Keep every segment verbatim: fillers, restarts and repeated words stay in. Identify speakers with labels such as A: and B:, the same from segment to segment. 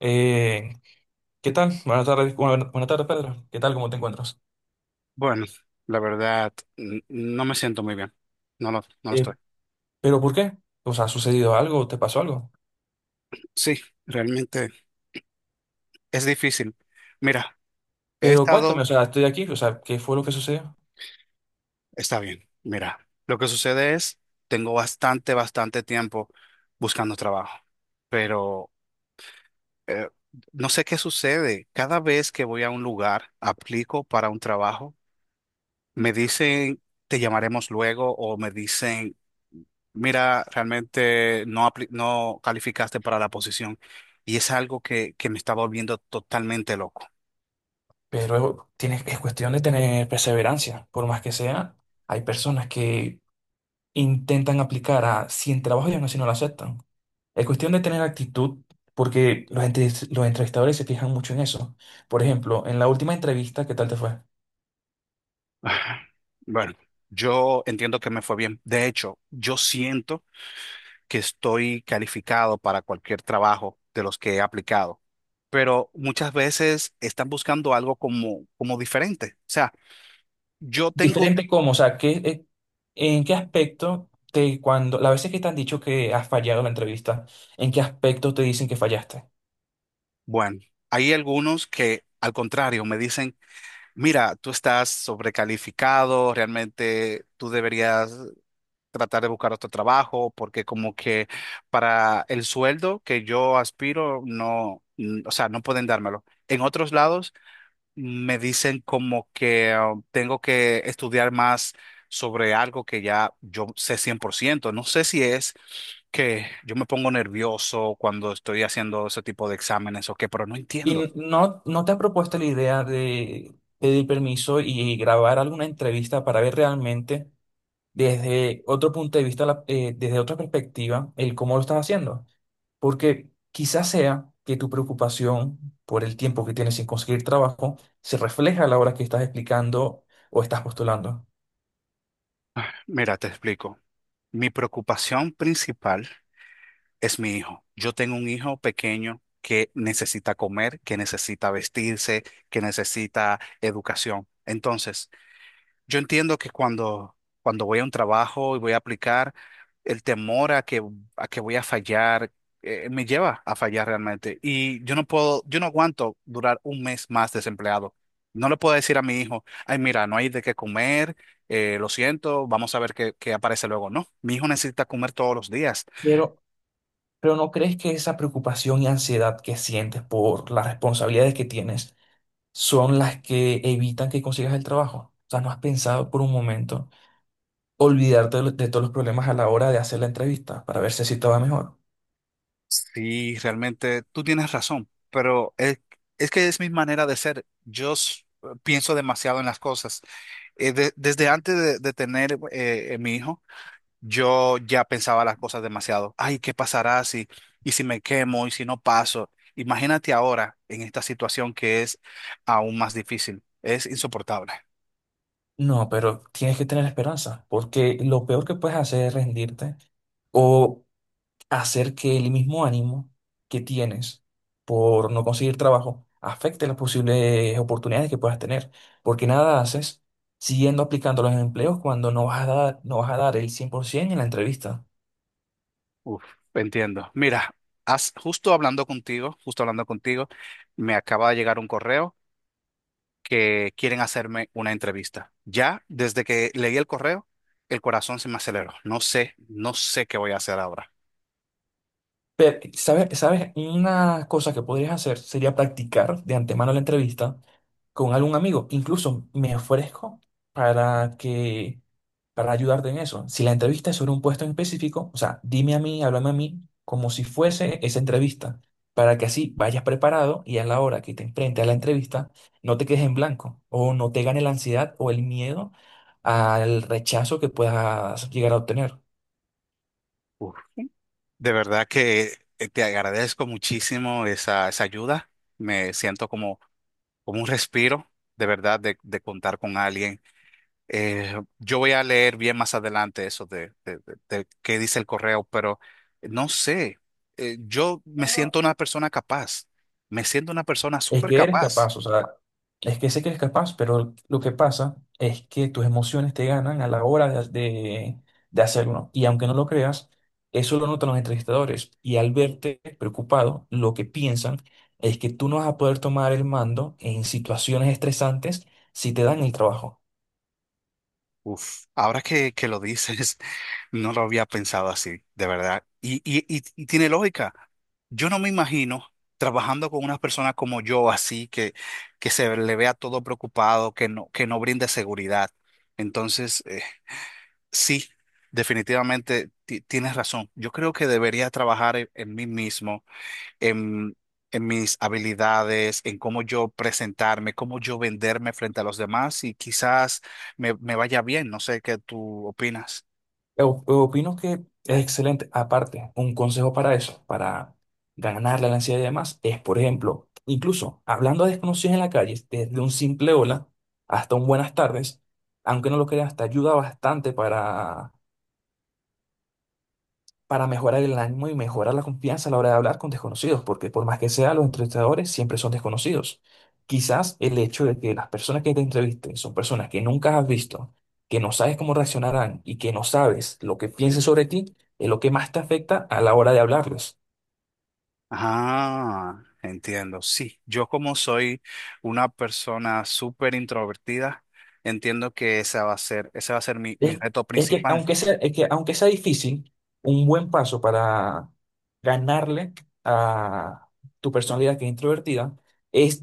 A: Eh, ¿Qué tal? Buenas tardes, bueno, buena- buenas tardes, Pedro. ¿Qué tal? ¿Cómo te encuentras?
B: Bueno, la verdad, n- no me siento muy bien. No lo, no lo
A: Eh,
B: estoy.
A: ¿Pero por qué? O sea, ¿ha sucedido algo? ¿Te pasó algo?
B: Sí, realmente es difícil. Mira, he
A: Pero cuéntame, o
B: estado,
A: sea, estoy aquí, o sea, ¿qué fue lo que sucedió?
B: está bien. Mira, lo que sucede es, tengo bastante, bastante tiempo buscando trabajo, pero eh, no sé qué sucede. Cada vez que voy a un lugar, aplico para un trabajo, me dicen, te llamaremos luego, o me dicen, mira, realmente no, apli- no calificaste para la posición y es algo que, que me está volviendo totalmente loco.
A: Pero tienes, es cuestión de tener perseverancia. Por más que sea, hay personas que intentan aplicar a cien trabajos y aún así no lo aceptan. Es cuestión de tener actitud, porque los, entes- los entrevistadores se fijan mucho en eso. Por ejemplo, en la última entrevista, ¿qué tal te fue?
B: Ah, Bueno, yo entiendo que me fue bien. De hecho, yo siento que estoy calificado para cualquier trabajo de los que he aplicado, pero muchas veces están buscando algo como, como diferente. O sea, yo tengo,
A: Diferente cómo, o sea, ¿qué, eh, en qué aspecto te, cuando, las veces que te han dicho que has fallado en la entrevista, en qué aspecto te dicen que fallaste?
B: bueno, hay algunos que al contrario me dicen, mira, tú estás sobrecalificado, realmente tú deberías tratar de buscar otro trabajo, porque como que para el sueldo que yo aspiro, no, mm, o sea, no pueden dármelo. En otros lados me dicen como que um, tengo que estudiar más sobre algo que ya yo sé cien por ciento. No sé si es que yo me pongo nervioso cuando estoy haciendo ese tipo de exámenes o qué, pero no
A: Y
B: entiendo.
A: no, no te has propuesto la idea de pedir permiso y grabar alguna entrevista para ver realmente desde otro punto de vista, la- eh, desde otra perspectiva, el cómo lo estás haciendo. Porque quizás sea que tu preocupación por el tiempo que tienes sin conseguir trabajo se refleja a la hora que estás explicando o estás postulando.
B: Mira, te explico. Mi preocupación principal es mi hijo. Yo tengo un hijo pequeño que necesita comer, que necesita vestirse, que necesita educación. Entonces, yo entiendo que cuando, cuando voy a un trabajo y voy a aplicar, el temor a que, a que voy a fallar, eh, me lleva a fallar realmente. Y yo no puedo, yo no aguanto durar un mes más desempleado. No le puedo decir a mi hijo, ay, mira, no hay de qué comer, eh, lo siento, vamos a ver qué, qué aparece luego. No, mi hijo necesita comer todos los días.
A: pero Pero ¿no crees que esa preocupación y ansiedad que sientes por las responsabilidades que tienes son las que evitan que consigas el trabajo? O sea, ¿no has pensado por un momento olvidarte de, lo- de todos los problemas a la hora de hacer la entrevista para ver si así te va mejor?
B: Sí, realmente tú tienes razón, pero es, es que es mi manera de ser. Yo s- pienso demasiado en las cosas. Eh, de- desde antes de, de tener eh, eh, mi hijo, yo ya pensaba las cosas demasiado. Ay, ¿qué pasará si, y si me quemo y si no paso? Imagínate ahora en esta situación que es aún más difícil. Es insoportable.
A: No, pero tienes que tener esperanza, porque lo peor que puedes hacer es rendirte o hacer que el mismo ánimo que tienes por no conseguir trabajo afecte las posibles oportunidades que puedas tener, porque nada haces siguiendo aplicando los empleos cuando no vas a dar, no vas a dar el cien por ciento en la entrevista.
B: Uf, entiendo. Mira, has- justo hablando contigo, justo hablando contigo, me acaba de llegar un correo, que quieren hacerme una entrevista. Ya desde que leí el correo, el corazón se me aceleró. No sé, no sé qué voy a hacer ahora.
A: Pero, ¿sabes? ¿Sabes? Una cosa que podrías hacer sería practicar de antemano la entrevista con algún amigo. Incluso me ofrezco para que, para ayudarte en eso. Si la entrevista es sobre un puesto en específico, o sea, dime a mí, háblame a mí, como si fuese esa entrevista, para que así vayas preparado y a la hora que te enfrentes a la entrevista, no te quedes en blanco o no te gane la ansiedad o el miedo al rechazo que puedas llegar a obtener.
B: Uf. De verdad que eh, te agradezco muchísimo esa, esa ayuda. Me siento como, como un respiro, de verdad, de, de contar con alguien. Eh, yo voy a leer bien más adelante eso de, de, de- de qué dice el correo, pero no sé. Eh, yo me siento una persona capaz. Me siento una persona
A: Es
B: súper
A: que eres
B: capaz.
A: capaz, o sea, es que sé que eres capaz, pero lo que pasa es que tus emociones te ganan a la hora de, de, de hacerlo. Y aunque no lo creas, eso lo notan los entrevistadores. Y al verte preocupado, lo que piensan es que tú no vas a poder tomar el mando en situaciones estresantes si te dan el trabajo.
B: Uf, ahora que, que lo dices, no lo había pensado así, de verdad. Y, y, y, y tiene lógica. Yo no me imagino trabajando con una persona como yo, así, que, que se le vea todo preocupado, que no, que no brinde seguridad. Entonces, eh, sí, definitivamente ti- tienes razón. Yo creo que debería trabajar en, en mí mismo, en, en mis habilidades, en cómo yo presentarme, cómo yo venderme frente a los demás, y quizás me, me vaya bien. No sé qué tú opinas.
A: O- Opino que es excelente. Aparte, un consejo para eso, para ganar la ansiedad y demás, es, por ejemplo, incluso hablando a desconocidos en la calle, desde un simple hola hasta un buenas tardes, aunque no lo creas, te ayuda bastante para para mejorar el ánimo y mejorar la confianza a la hora de hablar con desconocidos, porque por más que sea, los entrevistadores siempre son desconocidos. Quizás el hecho de que las personas que te entrevisten son personas que nunca has visto, que no sabes cómo reaccionarán y que no sabes lo que piensen sobre ti, es lo que más te afecta a la hora de hablarles.
B: Ah, entiendo. Sí, yo como soy una persona súper introvertida, entiendo que ese va a ser, ese va a ser mi, mi
A: Es,
B: reto
A: es que
B: principal.
A: aunque sea, es que aunque sea difícil, un buen paso para ganarle a tu personalidad que es introvertida es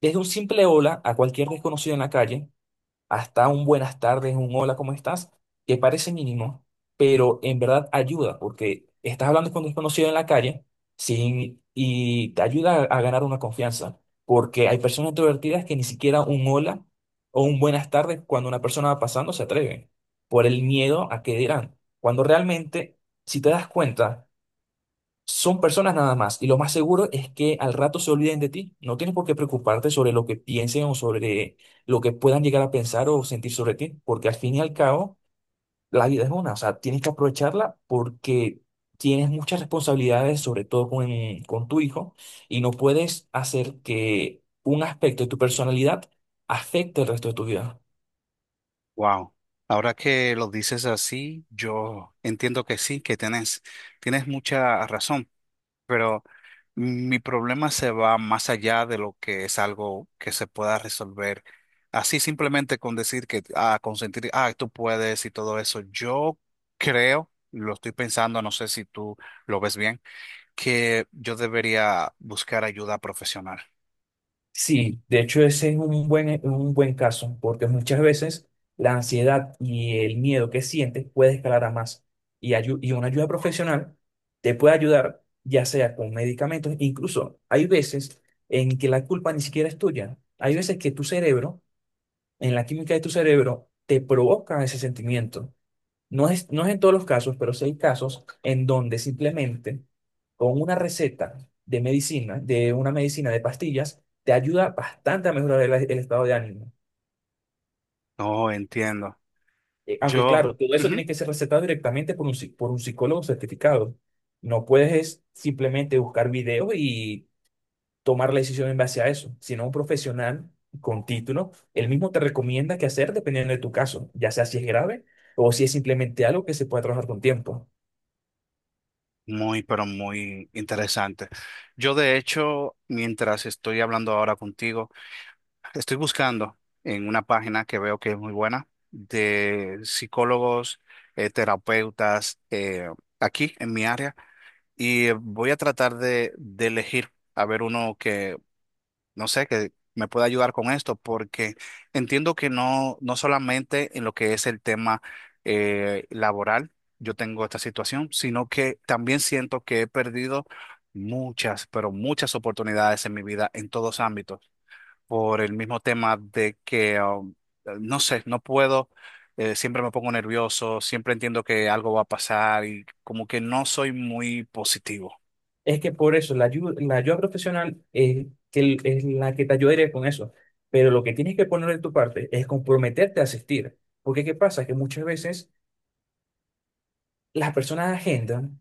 A: desde un simple hola a cualquier desconocido en la calle hasta un buenas tardes, un hola, ¿cómo estás? Que parece mínimo, pero en verdad ayuda, porque estás hablando con un desconocido en la calle sin, y te ayuda a, a ganar una confianza, porque hay personas introvertidas que ni siquiera un hola o un buenas tardes cuando una persona va pasando se atreven, por el miedo a qué dirán, cuando realmente, si te das cuenta, son personas nada más, y lo más seguro es que al rato se olviden de ti. No tienes por qué preocuparte sobre lo que piensen o sobre lo que puedan llegar a pensar o sentir sobre ti, porque al fin y al cabo, la vida es una, o sea, tienes que aprovecharla porque tienes muchas responsabilidades, sobre todo con, con tu hijo, y no puedes hacer que un aspecto de tu personalidad afecte el resto de tu vida.
B: Wow. Ahora que lo dices así, yo entiendo que sí, que tienes, tienes mucha razón. Pero mi problema se va más allá de lo que es algo que se pueda resolver. Así simplemente con decir que, ah, consentir, ah, tú puedes y todo eso. Yo creo, lo estoy pensando, no sé si tú lo ves bien, que yo debería buscar ayuda profesional.
A: Sí, de hecho ese es un buen, e, un buen caso, porque muchas veces la ansiedad y el miedo que sientes puede escalar a más. Y, ayu- y una ayuda profesional te puede ayudar, ya sea con medicamentos, incluso hay veces en que la culpa ni siquiera es tuya. Hay veces que tu cerebro, en la química de tu cerebro, te provoca ese sentimiento. No es, no es en todos los casos, pero sí hay casos en donde simplemente con una receta de medicina, de una medicina de pastillas, te ayuda bastante a mejorar el, el estado de ánimo.
B: No entiendo.
A: Eh, Aunque
B: Yo,
A: claro, todo eso
B: ujú,
A: tiene que ser recetado directamente por un, psi- por un psicólogo certificado. No puedes es simplemente buscar videos y tomar la decisión en base a eso, sino un profesional con título, él mismo te recomienda qué hacer dependiendo de tu caso, ya sea si es grave o si es simplemente algo que se puede trabajar con tiempo.
B: muy, pero muy interesante. Yo, de hecho, mientras estoy hablando ahora contigo, estoy buscando en una página que veo que es muy buena de psicólogos, eh, terapeutas, eh, aquí en mi área, y voy a tratar de, de elegir a ver uno que, no sé, que me pueda ayudar con esto, porque entiendo que no, no solamente en lo que es el tema eh, laboral yo tengo esta situación, sino que también siento que he perdido muchas, pero muchas oportunidades en mi vida en todos ámbitos por el mismo tema de que, um, no sé, no puedo, eh, siempre me pongo nervioso, siempre entiendo que algo va a pasar y como que no soy muy positivo.
A: Es que por eso la ayuda, la ayuda profesional es, que, el- es la que te ayudaría con eso. Pero lo que tienes que poner de tu parte es comprometerte a asistir. Porque ¿qué pasa? Que muchas veces las personas agendan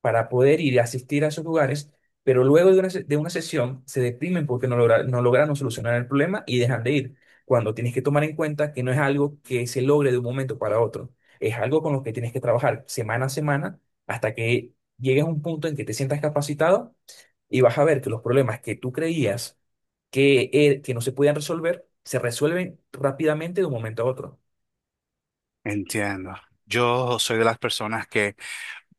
A: para poder ir a asistir a esos lugares, pero luego de una, se- de una sesión se deprimen porque no, logra- no lograron solucionar el problema y dejan de ir. Cuando tienes que tomar en cuenta que no es algo que se logre de un momento para otro. Es algo con lo que tienes que trabajar semana a semana hasta que llegues a un punto en que te sientas capacitado y vas a ver que los problemas que tú creías que, eh, que no se podían resolver, se resuelven rápidamente de un momento a otro.
B: Entiendo. Yo soy de las personas que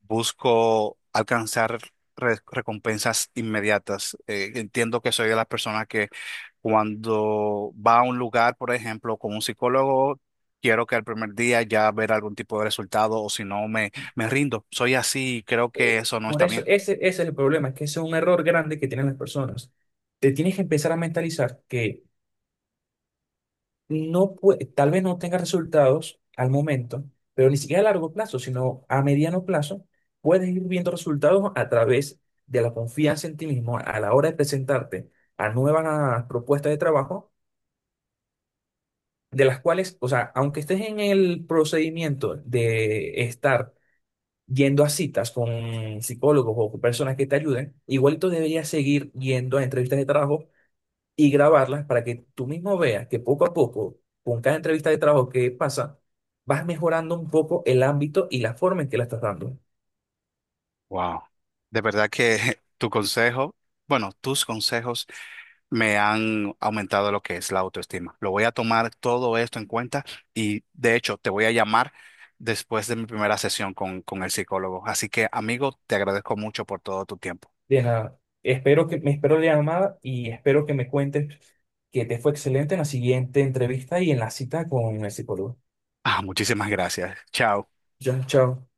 B: busco alcanzar re- recompensas inmediatas. Eh, entiendo que soy de las personas que cuando va a un lugar, por ejemplo, con un psicólogo, quiero que al primer día ya ver algún tipo de resultado, o si no me, me rindo. Soy así y creo que
A: Eh,
B: eso no
A: por
B: está
A: eso,
B: bien.
A: ese, ese es el problema, que ese es un error grande que tienen las personas. Te tienes que empezar a mentalizar que no pue- tal vez no tengas resultados al momento, pero ni siquiera a largo plazo, sino a mediano plazo, puedes ir viendo resultados a través de la confianza en ti mismo a la hora de presentarte a nuevas propuestas de trabajo de las cuales, o sea, aunque estés en el procedimiento de estar yendo a citas con psicólogos o con personas que te ayuden, igualito deberías seguir yendo a entrevistas de trabajo y grabarlas para que tú mismo veas que poco a poco, con cada entrevista de trabajo que pasa, vas mejorando un poco el ámbito y la forma en que la estás dando.
B: Wow. De verdad que tu consejo, bueno, tus consejos me han aumentado lo que es la autoestima. Lo voy a tomar todo esto en cuenta, y de hecho te voy a llamar después de mi primera sesión con, con el psicólogo. Así que, amigo, te agradezco mucho por todo tu tiempo.
A: De nada, espero que me espero la llamada y espero que me cuentes que te fue excelente en la siguiente entrevista y en la cita con el psicólogo.
B: Ah, muchísimas gracias. Chao.
A: Ya, chao.